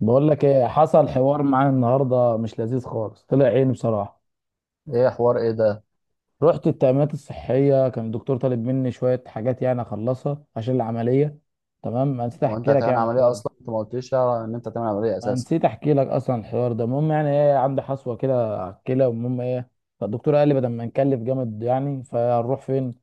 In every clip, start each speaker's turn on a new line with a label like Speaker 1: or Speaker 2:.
Speaker 1: بقول لك ايه حصل حوار معايا النهارده، مش لذيذ خالص، طلع عيني بصراحه.
Speaker 2: ايه حوار ايه ده؟
Speaker 1: رحت التأمينات الصحيه، كان الدكتور طالب مني شويه حاجات يعني اخلصها عشان العمليه. تمام، انا نسيت
Speaker 2: هو انت
Speaker 1: احكي لك
Speaker 2: هتعمل
Speaker 1: يعني
Speaker 2: عمليه
Speaker 1: الحوار ده.
Speaker 2: اصلا؟ انت ما قلتليش يعني ان انت هتعمل عمليه
Speaker 1: انا
Speaker 2: اساسا.
Speaker 1: نسيت احكي لك اصلا الحوار ده. المهم يعني ايه، عندي حصوه كده على الكلى، والمهم ايه، فالدكتور قال لي بدل ما نكلف جامد يعني فنروح فين.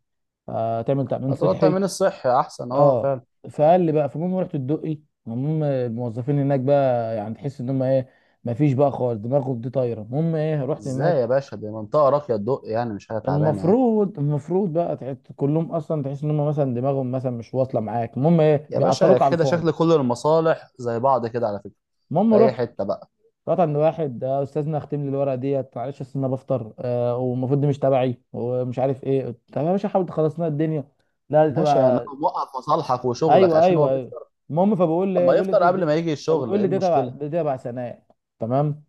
Speaker 1: آه تعمل تأمين
Speaker 2: هتقول
Speaker 1: صحي.
Speaker 2: التامين الصحي احسن، اه
Speaker 1: اه.
Speaker 2: فعلا.
Speaker 1: فقال لي بقى، فالمهم رحت الدقي. المهم الموظفين هناك بقى يعني تحس ان هم ايه، مفيش بقى خالص، دماغهم دي طايره. المهم ايه، رحت
Speaker 2: ازاي
Speaker 1: هناك.
Speaker 2: يا باشا؟ دي منطقه راقيه الضوء، يعني مش حاجه تعبانه يعني.
Speaker 1: المفروض بقى تحس كلهم، اصلا تحس ان هم مثلا دماغهم مثلا مش واصله معاك. المهم ايه،
Speaker 2: يا باشا
Speaker 1: بيعطلوك على
Speaker 2: كده
Speaker 1: الفاضي.
Speaker 2: شكل كل المصالح زي بعض كده على فكره.
Speaker 1: المهم
Speaker 2: في اي
Speaker 1: رحت
Speaker 2: حته بقى؟
Speaker 1: رحت عند واحد. استاذنا، اختم لي الورقه ديت، معلش اصل انا بفطر، والمفروض دي مش تبعي ومش عارف ايه. طب يا باشا، حاول تخلص لنا الدنيا. لا دي
Speaker 2: ماشي يعني
Speaker 1: تبع.
Speaker 2: لو موقف مصالحك وشغلك
Speaker 1: ايوه
Speaker 2: عشان هو
Speaker 1: ايوه ايوه.
Speaker 2: بيفطر.
Speaker 1: المهم فبقول
Speaker 2: طب
Speaker 1: لي
Speaker 2: ما
Speaker 1: بقول لي
Speaker 2: يفطر
Speaker 1: دي,
Speaker 2: قبل
Speaker 1: دي
Speaker 2: ما يجي الشغل،
Speaker 1: فبقول
Speaker 2: ايه
Speaker 1: لي دي تبع،
Speaker 2: المشكله؟
Speaker 1: دي تبع سناء. تمام.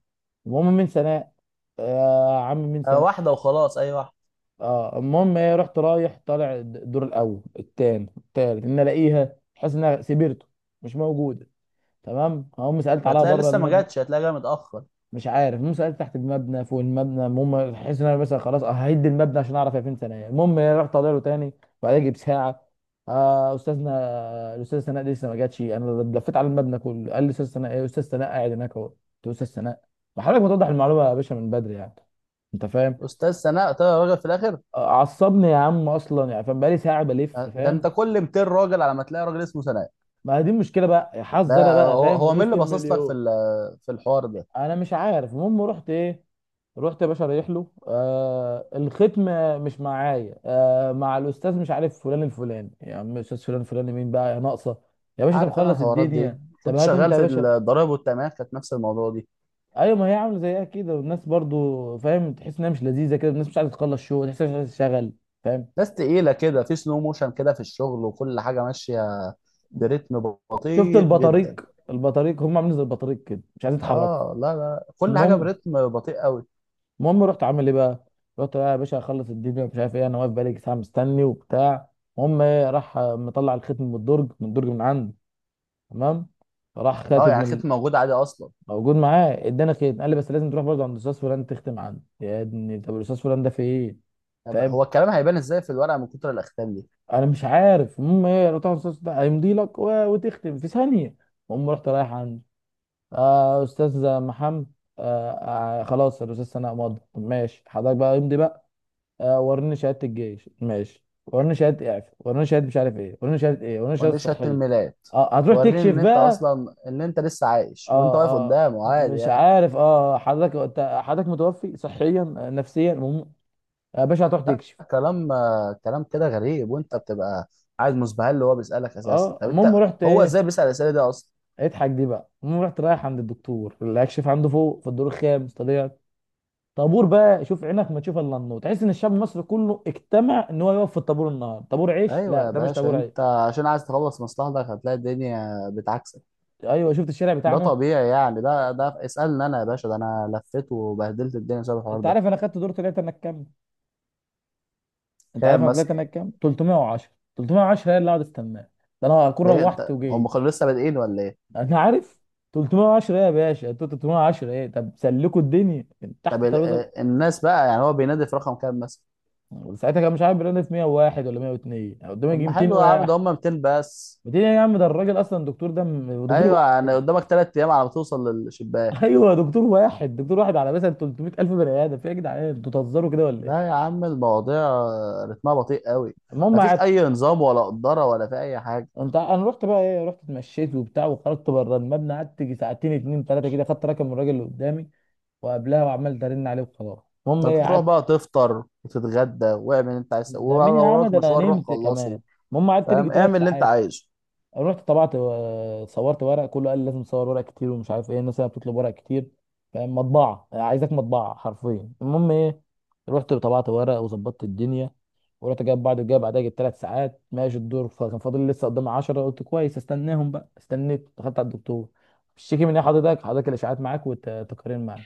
Speaker 1: المهم من سناء. آه يا عم، من
Speaker 2: آه،
Speaker 1: سناء.
Speaker 2: واحده وخلاص، اي واحده.
Speaker 1: اه. المهم ايه، رحت رايح طالع الدور الاول التاني التالت، ان الاقيها، حاسس انها سبيرتو، مش موجوده. تمام، هقوم سالت عليها
Speaker 2: هتلاقي
Speaker 1: بره
Speaker 2: لسه ما
Speaker 1: المبنى.
Speaker 2: جاتش، هتلاقي جايه متاخر.
Speaker 1: مش عارف. المهم سالت تحت المبنى، فوق المبنى، المهم حاسس ان انا مثلا خلاص ههد المبنى عشان اعرف هي فين. ثانيه، المهم ايه، رحت طالع له تاني، وبعدين اجيب ساعه. آه استاذنا، الاستاذ سناء دي لسه ما جاتش، انا لفيت على المبنى كله. قال لي استاذ سناء؟ ايه استاذ سناء؟ قاعد هناك اهو. قلت له استاذ سناء؟ ما حضرتك ما توضح المعلومه يا باشا من بدري يعني. انت فاهم؟
Speaker 2: استاذ سناء طلع راجل في الاخر.
Speaker 1: عصبني يا عم اصلا يعني، فاهم، بقالي ساعه بلف،
Speaker 2: آه، ده انت
Speaker 1: فاهم.
Speaker 2: كل 200 راجل على ما تلاقي راجل اسمه سناء.
Speaker 1: ما دي المشكله بقى، يا حظ انا
Speaker 2: ده
Speaker 1: بقى،
Speaker 2: هو
Speaker 1: فاهم، من
Speaker 2: هو مين
Speaker 1: وسط
Speaker 2: اللي باصص لك في
Speaker 1: المليون.
Speaker 2: في الحوار ده؟
Speaker 1: انا مش عارف. المهم رحت ايه، رحت يا باشا رايح له. آه الختم، مش معايا، مع الاستاذ مش عارف فلان الفلاني. يا عم، استاذ فلان الفلاني مين بقى يا ناقصه؟ يا باشا، طب
Speaker 2: عارف، انا
Speaker 1: خلص
Speaker 2: الحوارات دي
Speaker 1: الدنيا، طب
Speaker 2: كنت
Speaker 1: هات انت
Speaker 2: شغال
Speaker 1: يا
Speaker 2: في
Speaker 1: باشا.
Speaker 2: الضرايب والتأمينات، كانت نفس الموضوع دي.
Speaker 1: ايوه، ما هي عامله زيها كده، والناس برضو فاهم، تحس انها مش لذيذه كده، الناس مش عايزه تخلص شغل، تحس إنها مش عايزه تشتغل. فاهم؟
Speaker 2: ناس تقيلة كده، في سلو موشن كده في الشغل وكل حاجة ماشية برتم
Speaker 1: شفت
Speaker 2: بطيء جدا.
Speaker 1: البطاريق، البطاريق هم عاملين زي البطاريق كده، مش عايزين يتحركوا.
Speaker 2: اه لا لا، كل حاجة
Speaker 1: المهم.
Speaker 2: برتم بطيء قوي.
Speaker 1: المهم رحت عامل ايه بقى؟ رحت بقى يا باشا اخلص الدنيا ومش عارف ايه، انا واقف بقالي ساعه مستني وبتاع. المهم ايه، راح مطلع الختم من الدرج، من الدرج من عنده. تمام؟ فراح
Speaker 2: اه
Speaker 1: خاتم
Speaker 2: يعني
Speaker 1: من
Speaker 2: ختم موجود عادي اصلا؟
Speaker 1: موجود معاه، اداني ختم، قال لي بس لازم تروح برضه عند الاستاذ فلان تختم عنده. يا ابني طب الاستاذ فلان ده في ايه؟
Speaker 2: طب
Speaker 1: فاهم؟
Speaker 2: هو الكلام هيبان ازاي في الورقة من كتر الاختام دي؟
Speaker 1: انا مش عارف. المهم ايه، رحت عند الاستاذ ده. هيمضي لك وتختم في ثانيه. المهم رحت رايح عنده. آه استاذ محمد. آه. آه خلاص، الاستاذ سناء مضى. طب ماشي حضرتك بقى، امضي بقى. آه، وريني شهاده الجيش، ماشي، وريني شهاده اعفاء، وريني شهاده مش عارف ايه، وريني شهاده ايه، وريني شهاده
Speaker 2: وريني شهادة
Speaker 1: صحيه.
Speaker 2: الميلاد،
Speaker 1: اه هتروح
Speaker 2: وريني
Speaker 1: تكشف
Speaker 2: ان انت
Speaker 1: بقى.
Speaker 2: اصلا ان انت لسه عايش وانت
Speaker 1: اه
Speaker 2: واقف
Speaker 1: اه
Speaker 2: قدامه عادي
Speaker 1: مش
Speaker 2: يعني.
Speaker 1: عارف، اه حضرتك حضرتك متوفي صحيا، نفسيا. المهم يا باشا هتروح
Speaker 2: لا،
Speaker 1: تكشف.
Speaker 2: كلام كلام كده غريب، وانت بتبقى قاعد مسبهل اللي هو بيسألك اساسا.
Speaker 1: اه.
Speaker 2: طب
Speaker 1: المهم
Speaker 2: انت
Speaker 1: رحت
Speaker 2: هو
Speaker 1: ايه،
Speaker 2: ازاي بيسأل الاسئله دي اصلا؟
Speaker 1: اضحك دي بقى. المهم رحت رايح عند الدكتور اللي هكشف عنده، فوق في الدور الخامس طلعت. طابور بقى، شوف عينك ما تشوف الا النور، تحس ان الشعب المصري كله اجتمع ان هو يقف في الطابور النهارده. طابور عيش؟
Speaker 2: ايوه
Speaker 1: لا،
Speaker 2: يا
Speaker 1: ده مش
Speaker 2: باشا،
Speaker 1: طابور عيش.
Speaker 2: انت عشان عايز تخلص مصلحتك هتلاقي الدنيا بتعكسك.
Speaker 1: ايوه، شفت الشارع
Speaker 2: ده
Speaker 1: بتاعنا.
Speaker 2: طبيعي يعني، ده اسألني انا يا باشا، ده انا لفيت وبهدلت الدنيا بسبب الحوار
Speaker 1: انت
Speaker 2: ده.
Speaker 1: عارف انا خدت دور طلعت انا كام؟ انت عارف
Speaker 2: كام
Speaker 1: انا
Speaker 2: مثلا؟
Speaker 1: طلعت انا كام؟ 310. 310 هي اللي قاعد استناه، ده انا هكون
Speaker 2: ليه،
Speaker 1: روحت
Speaker 2: انت هم
Speaker 1: وجيت.
Speaker 2: كانوا لسه بادئين ولا ايه؟
Speaker 1: انا عارف. 310 ايه يا باشا، انتوا 310 ايه؟ طب سلكوا الدنيا، كان تحت
Speaker 2: طب
Speaker 1: الترابيزه.
Speaker 2: الناس بقى، يعني هو بينادي في رقم كام مثلا؟
Speaker 1: ساعتها كان مش عارف بيرانا في 101 ولا 102، أنا قدامي
Speaker 2: طب
Speaker 1: يجي
Speaker 2: ما
Speaker 1: 200
Speaker 2: حلو يا عم، ده
Speaker 1: واحد.
Speaker 2: هم 200 بس.
Speaker 1: 200 يا عم، ده الراجل اصلا دكتور ده دكتور
Speaker 2: ايوه يعني
Speaker 1: واحد.
Speaker 2: قدامك 3 ايام على ما توصل للشباك.
Speaker 1: ايوه، دكتور واحد، دكتور واحد على مثلا 300000 بني ادم. في ايه يا جدعان، انتوا بتهزروا كده ولا
Speaker 2: لا يا
Speaker 1: ايه؟
Speaker 2: عم، المواضيع رتمها بطيء قوي.
Speaker 1: المهم.
Speaker 2: مفيش اي نظام ولا قدره ولا في اي حاجه.
Speaker 1: انت انا رحت بقى ايه، رحت اتمشيت وبتاع وخرجت بره المبنى، قعدت يجي ساعتين، اتنين تلاته كده، خدت رقم الراجل اللي قدامي، وقبلها وعمال ارن عليه، وخلاص. المهم
Speaker 2: ده انت
Speaker 1: ايه
Speaker 2: تروح
Speaker 1: قعدت.
Speaker 2: بقى تفطر وتتغدى واعمل اللي انت عايز
Speaker 1: ده
Speaker 2: تسويه،
Speaker 1: مين يا
Speaker 2: ولو
Speaker 1: عم،
Speaker 2: وراك
Speaker 1: ده انا
Speaker 2: مشوار روح
Speaker 1: نمت
Speaker 2: خلصه.
Speaker 1: كمان. المهم قعدت يجي
Speaker 2: فاهم، اعمل
Speaker 1: تلات
Speaker 2: اللي انت
Speaker 1: ساعات.
Speaker 2: عايزه.
Speaker 1: رحت طبعت صورت ورق، كله قال لي لازم تصور ورق كتير ومش عارف ايه. الناس هنا بتطلب ورق كتير. فاهم؟ مطبعه عايزاك، مطبعه حرفيا. المهم ايه، رحت طبعت ورق وظبطت الدنيا، ورحت جايب بعد، جايب بعدها، جبت ثلاث ساعات ماشي الدور، فكان فاضل لي لسه قدامي 10. قلت كويس استناهم بقى. استنيت، دخلت على الدكتور. بتشتكي من ايه حضرتك؟ حضرتك الاشاعات معاك والتقارير معاك؟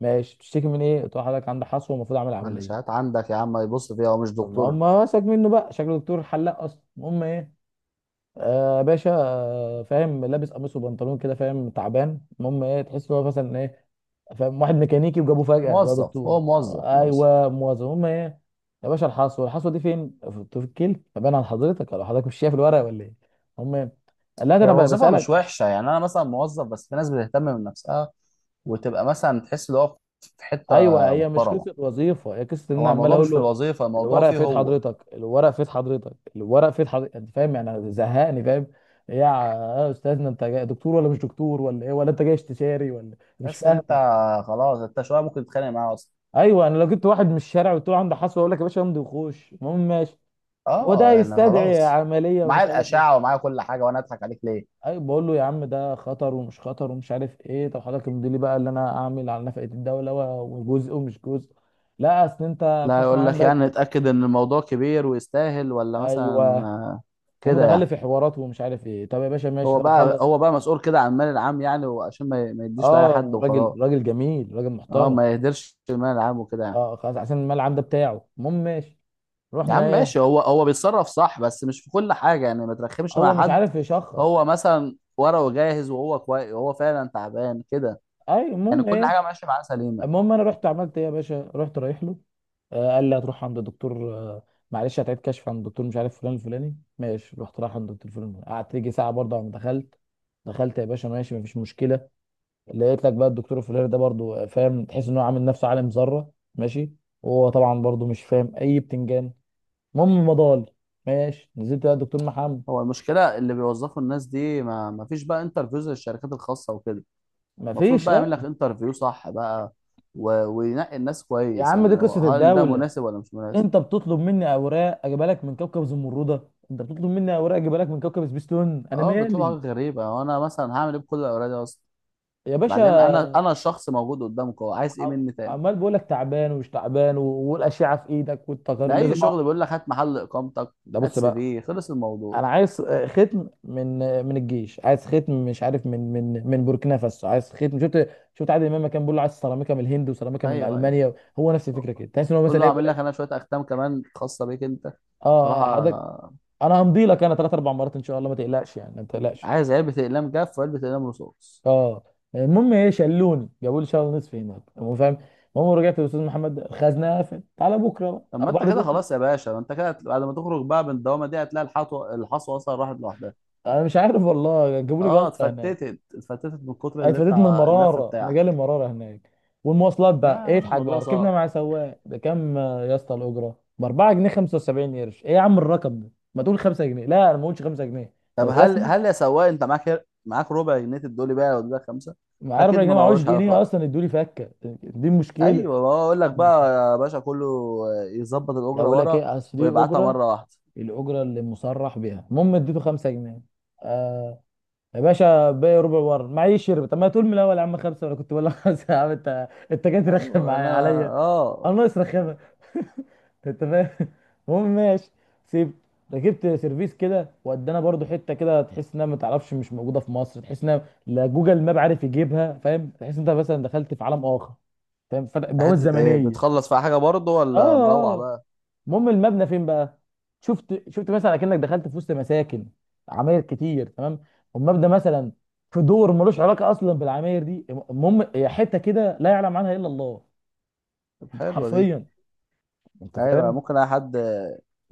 Speaker 1: ماشي، بتشتكي من ايه؟ قلت له حضرتك عندك حصوه ومفروض اعمل عمليه.
Speaker 2: معلشات عندك يا عم، ما يبص فيها، هو مش
Speaker 1: طب ما
Speaker 2: دكتور.
Speaker 1: هم مسك منه بقى، شكله دكتور حلاق اصلا. المهم ايه، آه باشا فاهم، لابس قميص وبنطلون كده، فاهم تعبان. المهم ايه، تحس ان هو مثلا ايه، فاهم، واحد ميكانيكي وجابوه فجأة بقى
Speaker 2: موظف،
Speaker 1: دكتور.
Speaker 2: هو موظف
Speaker 1: آه
Speaker 2: موظف.
Speaker 1: ايوه، موظف. المهم ايه، يا باشا الحصوة، الحصوة دي فين؟ في في الكيل فبان على حضرتك؟ ولا حضرتك مش شايف الورق ولا ايه؟ المهم إيه، قال لا ده
Speaker 2: هي
Speaker 1: انا بقى
Speaker 2: الوظيفه مش
Speaker 1: بسألك.
Speaker 2: وحشه، يعني انا مثلا موظف، بس في ناس بتهتم من نفسها وتبقى مثلا تحس ان هو في حته
Speaker 1: ايوه، هي مش
Speaker 2: محترمه.
Speaker 1: قصه وظيفه، هي قصه ان انا
Speaker 2: هو
Speaker 1: عمال
Speaker 2: الموضوع مش
Speaker 1: اقول
Speaker 2: في
Speaker 1: له
Speaker 2: الوظيفه، الموضوع
Speaker 1: الورق في
Speaker 2: فيه
Speaker 1: ايد
Speaker 2: هو.
Speaker 1: حضرتك، الورق في ايد حضرتك، الورق في ايد حضرتك. انت فاهم يعني، أنا زهقني، فاهم. إيه يا استاذنا، انت جاي دكتور ولا مش دكتور ولا ايه؟ ولا انت جاي استشاري ولا مش
Speaker 2: تحس انت
Speaker 1: فاهم.
Speaker 2: خلاص انت شويه ممكن تتخانق معاه.
Speaker 1: ايوه، انا لو جبت واحد من الشارع وقلت له عنده حصوه، اقول لك يا باشا امضي وخش. المهم ماشي. هو ده
Speaker 2: اه يعني
Speaker 1: يستدعي
Speaker 2: خلاص،
Speaker 1: عمليه
Speaker 2: معايا
Speaker 1: ومش عارف
Speaker 2: الاشعه
Speaker 1: ايه.
Speaker 2: ومعايا كل حاجه وانا اضحك عليك ليه؟
Speaker 1: ايوه، بقول له يا عم ده خطر ومش خطر ومش عارف ايه، طب حضرتك امضي لي بقى اللي انا اعمل على نفقه الدوله، وجزء ومش جزء. لا اصل انت
Speaker 2: لا،
Speaker 1: الحصوه
Speaker 2: يقول لك يعني
Speaker 1: عندك.
Speaker 2: اتأكد ان الموضوع كبير ويستاهل، ولا مثلا
Speaker 1: ايوه، هم
Speaker 2: كده
Speaker 1: دخل لي
Speaker 2: يعني.
Speaker 1: في حوارات ومش عارف ايه. طب يا باشا ماشي،
Speaker 2: هو
Speaker 1: طب
Speaker 2: بقى
Speaker 1: اخلص.
Speaker 2: هو بقى مسؤول كده عن المال العام يعني، وعشان ما يديش لأي حد
Speaker 1: اه، راجل،
Speaker 2: وخلاص.
Speaker 1: راجل جميل، راجل
Speaker 2: اه،
Speaker 1: محترم.
Speaker 2: ما يهدرش المال العام وكده يعني.
Speaker 1: اه خلاص، عشان الملعب ده بتاعه، المهم ماشي.
Speaker 2: يا عم
Speaker 1: رحنا
Speaker 2: ماشي،
Speaker 1: ايه.
Speaker 2: هو بيتصرف صح، بس مش في كل حاجة يعني، ما ترخمش
Speaker 1: هو
Speaker 2: مع
Speaker 1: مش
Speaker 2: حد.
Speaker 1: عارف يشخص.
Speaker 2: هو مثلا ورقه جاهز وهو كويس وهو فعلا تعبان كده،
Speaker 1: اي.
Speaker 2: يعني
Speaker 1: المهم
Speaker 2: كل
Speaker 1: ايه،
Speaker 2: حاجة ماشية معاه سليمة.
Speaker 1: المهم انا رحت عملت ايه يا باشا، رحت رايح له. آه قال لي هتروح عند الدكتور. آه معلش، هتعيد كشف عند الدكتور مش عارف فلان الفلاني. ماشي، رحت رايح عند الدكتور فلان الفلاني. قعدت يجي ساعه برضه، عم دخلت. دخلت يا باشا ماشي، مفيش مشكله. لقيت لك بقى الدكتور الفلاني ده برضو، فاهم، تحس ان هو عامل نفسه عالم ذره. ماشي. وهو طبعا برضو مش فاهم اي بتنجان. المهم مضال. ماشي، نزلت بقى الدكتور محمد.
Speaker 2: هو المشكله اللي بيوظفوا الناس دي، ما فيش بقى انترفيوز للشركات الخاصه وكده؟ المفروض
Speaker 1: مفيش،
Speaker 2: بقى
Speaker 1: لا.
Speaker 2: يعمل لك انترفيو صح بقى، و... وينقي الناس
Speaker 1: يا
Speaker 2: كويس،
Speaker 1: عم
Speaker 2: يعني
Speaker 1: دي
Speaker 2: هو-
Speaker 1: قصه
Speaker 2: هل ده
Speaker 1: الدوله،
Speaker 2: مناسب ولا مش مناسب.
Speaker 1: انت بتطلب مني اوراق اجيبها لك من كوكب زمرده، انت بتطلب مني اوراق اجيبها لك من كوكب سبيستون، انا
Speaker 2: اه بيطلبوا
Speaker 1: مالي.
Speaker 2: حاجات غريبه، وانا مثلا هعمل ايه بكل الاوراق دي اصلا؟
Speaker 1: يا
Speaker 2: بعدين
Speaker 1: باشا،
Speaker 2: انا الشخص موجود قدامك، هو عايز ايه مني تاني؟
Speaker 1: عمال بقول لك تعبان ومش تعبان والاشعه في ايدك والتقارير
Speaker 2: ده اي
Speaker 1: لازم
Speaker 2: شغل بيقول لك هات محل اقامتك،
Speaker 1: ده
Speaker 2: هات
Speaker 1: بص
Speaker 2: سي
Speaker 1: بقى،
Speaker 2: في، خلص الموضوع.
Speaker 1: انا عايز ختم من، من الجيش، عايز ختم مش عارف من، من بوركينا فاسو، عايز ختم. شفت، شفت عادل امام كان بيقول له عايز سيراميكا من الهند وسيراميكا من
Speaker 2: ايوه ايوه،
Speaker 1: المانيا؟ هو نفس الفكره كده، تحس ان هو
Speaker 2: قول
Speaker 1: مثلا
Speaker 2: له
Speaker 1: ايه، بيقول
Speaker 2: اعمل لك انا
Speaker 1: لك
Speaker 2: شويه اختام كمان خاصه بيك انت.
Speaker 1: اه.
Speaker 2: راح
Speaker 1: حضرتك،
Speaker 2: أ-
Speaker 1: انا همضي لك انا ثلاث اربع مرات ان شاء الله، ما تقلقش يعني ما تقلقش.
Speaker 2: عايز علبه اقلام جاف وعلبه اقلام رصاص.
Speaker 1: اه. المهم ايه، شلوني جابوا لي شهر ونصف هناك، هو فاهم. المهم رجعت للاستاذ محمد، الخزنه قفل، تعالى بكره بقى
Speaker 2: طب
Speaker 1: او
Speaker 2: ما انت
Speaker 1: بعد
Speaker 2: كده
Speaker 1: بكره.
Speaker 2: خلاص يا باشا، ما انت كده بعد ما تخرج بقى من الدوامه دي هتلاقي الحطوه الحصوه اصلا راحت لوحدها.
Speaker 1: انا مش عارف والله، جابوا لي
Speaker 2: اه
Speaker 1: جلطه هناك.
Speaker 2: اتفتتت اتفتتت من كتر
Speaker 1: أنا
Speaker 2: اللي انت
Speaker 1: اتفاديت من
Speaker 2: اللف
Speaker 1: المراره، انا جالي
Speaker 2: بتاعك.
Speaker 1: مراره هناك. والمواصلات
Speaker 2: لا يا
Speaker 1: بقى ايه،
Speaker 2: عم،
Speaker 1: اضحك
Speaker 2: الموضوع
Speaker 1: بقى. ركبنا
Speaker 2: صعب.
Speaker 1: مع سواق، بكام؟ يا اسطى الاجره ب 4 جنيه 75 قرش، ايه يا عم الرقم ده؟ ما تقول 5 جنيه. لا انا ما قلتش 5 جنيه
Speaker 2: طب هل
Speaker 1: الرسمي،
Speaker 2: هل يا سواق انت معاك معاك ربع جنيه تدولي بقى ولا خمسه؟
Speaker 1: معايا
Speaker 2: اكيد
Speaker 1: 4
Speaker 2: ما
Speaker 1: جنيه معوش
Speaker 2: معهوش حاجه
Speaker 1: جنيه
Speaker 2: خالص.
Speaker 1: اصلا ادولي فكه. دي مشكله.
Speaker 2: ايوه بقول لك بقى يا باشا، كله يظبط
Speaker 1: لا
Speaker 2: الاجره
Speaker 1: اقول لك
Speaker 2: ورا
Speaker 1: ايه، اصل دي
Speaker 2: ويبعتها
Speaker 1: الاجره،
Speaker 2: مره واحده.
Speaker 1: الاجره اللي مصرح بيها. المهم اديته 5 جنيه. آه، يا باشا باقي ربع ورا معيش. شرب؟ طب ما تقول من الاول يا عم خمسه، ولا كنت بقول لك خمسه يا عم، انت انت جاي ترخم
Speaker 2: ايوه
Speaker 1: معايا
Speaker 2: انا،
Speaker 1: عليا؟
Speaker 2: اه.
Speaker 1: انا ناقص رخامه. انت فاهم. المهم ماشي. سيب. ركبت سيرفيس كده، ودانا برضو حته كده تحس انها ما تعرفش مش موجوده في مصر، تحس انها لا جوجل ماب عارف يجيبها. فاهم، تحس انت مثلا دخلت في عالم اخر، فاهم، فتح بوابه
Speaker 2: حته ايه؟
Speaker 1: زمنيه.
Speaker 2: بتخلص في حاجه برضه
Speaker 1: اه.
Speaker 2: ولا مروح بقى؟
Speaker 1: المهم المبنى فين بقى؟ شفت، شفت مثلا اكنك دخلت في وسط مساكن، عماير كتير. تمام. والمبنى مثلا في دور ملوش علاقه اصلا بالعماير دي. المهم هي حته كده لا يعلم عنها الا الله.
Speaker 2: طب
Speaker 1: انت
Speaker 2: حلوه دي.
Speaker 1: حرفيا، انت
Speaker 2: ايوه،
Speaker 1: فاهم.
Speaker 2: ممكن اي حد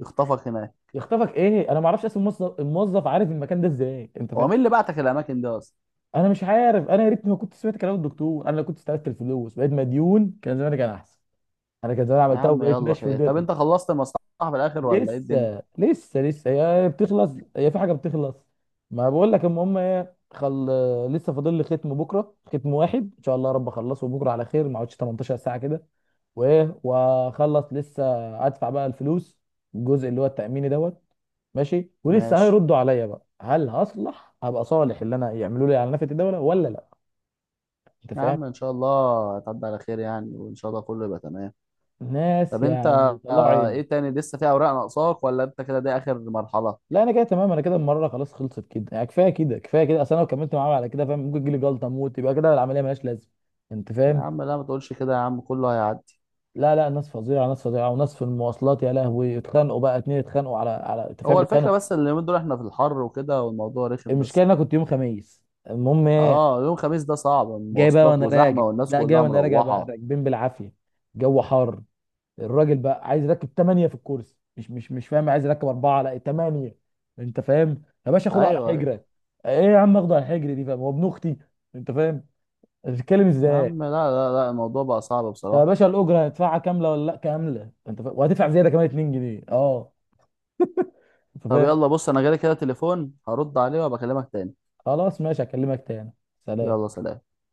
Speaker 2: يخطفك هناك.
Speaker 1: يخطفك ايه، انا ما اعرفش اصلا، الموظف، الموظف عارف المكان ده ازاي؟ انت
Speaker 2: هو
Speaker 1: فاهم.
Speaker 2: مين اللي بعتك الاماكن دي اصلا؟
Speaker 1: انا مش عارف. انا يا ريتني ما كنت سمعت كلام الدكتور، انا لو كنت استلفت الفلوس بقيت مديون كان زماني كان احسن، انا كان زماني
Speaker 2: يا
Speaker 1: عملتها
Speaker 2: عم
Speaker 1: وبقيت
Speaker 2: يلا
Speaker 1: ماشي في
Speaker 2: خير، طب
Speaker 1: الدنيا.
Speaker 2: انت خلصت المصلحه في الاخر ولا ايه الدنيا؟
Speaker 1: لسه لسه لسه هي بتخلص، هي في حاجه بتخلص. ما بقول لك. المهم ايه، خل، لسه فاضل لي ختم بكره، ختم واحد ان شاء الله يا رب اخلصه بكره على خير، ما اقعدش 18 ساعه كده، وايه واخلص لسه. ادفع بقى الفلوس، الجزء اللي هو التاميني دوت. ماشي، ولسه
Speaker 2: ماشي.
Speaker 1: هيردوا عليا بقى هل هصلح، هبقى صالح اللي انا يعملوا لي على نفقه الدوله ولا لا. انت
Speaker 2: يا
Speaker 1: فاهم.
Speaker 2: عم ان شاء الله هتعدي على خير يعني، وان شاء الله كله يبقى تمام.
Speaker 1: ناس
Speaker 2: طب انت
Speaker 1: يعني طلعوا
Speaker 2: ايه
Speaker 1: عيني.
Speaker 2: تاني؟ لسه في اوراق ناقصاك ولا انت كده دي اخر مرحله؟
Speaker 1: لا انا كده تمام، انا كده المره خلاص خلصت كده يعني، كفايه كده كفايه كده، اصل انا لو كملت معاهم على كده فاهم ممكن تجيلي جلطه موت، يبقى كده العمليه ملهاش لازمه. انت
Speaker 2: يا
Speaker 1: فاهم.
Speaker 2: عم لا ما تقولش كده، يا عم كله هيعدي.
Speaker 1: لا لا، ناس فظيعه، ناس فظيعه، وناس في المواصلات يا لهوي. اتخانقوا بقى اتنين، اتخانقوا على، على، انت فاهم،
Speaker 2: هو الفكره
Speaker 1: بيتخانقوا.
Speaker 2: بس اللي من دول احنا في الحر وكده والموضوع رخم
Speaker 1: المشكله
Speaker 2: بس.
Speaker 1: ان انا كنت يوم خميس. المهم ايه،
Speaker 2: اه يوم خميس ده صعب،
Speaker 1: جاي بقى
Speaker 2: المواصلات
Speaker 1: وانا راجع.
Speaker 2: وزحمه والناس
Speaker 1: لا جاي
Speaker 2: كلها
Speaker 1: وانا راجع بقى،
Speaker 2: مروحه.
Speaker 1: راكبين بالعافيه، جو حار، الراجل بقى عايز يركب ثمانيه في الكرسي، مش فاهم، عايز يركب اربعه لا ثمانيه. انت فاهم يا باشا، خده على
Speaker 2: ايوه ايوه.
Speaker 1: حجره. ايه يا عم اخده على الحجر دي، فاهم هو ابن اختي؟ انت فاهم. تتكلم
Speaker 2: يا
Speaker 1: ازاي.
Speaker 2: عم لا لا لا، الموضوع بقى صعب
Speaker 1: طب يا
Speaker 2: بصراحه.
Speaker 1: باشا الاجره هندفعها كامله ولا لا كامله؟ انت فا... وهتدفع زياده كمان 2 جنيه. اه. انت
Speaker 2: طب
Speaker 1: فاهم.
Speaker 2: يلا بص، انا جالي كده تليفون هرد عليه وابقى اكلمك تاني.
Speaker 1: خلاص ماشي، هكلمك تاني.
Speaker 2: يلا
Speaker 1: سلام.
Speaker 2: سلام.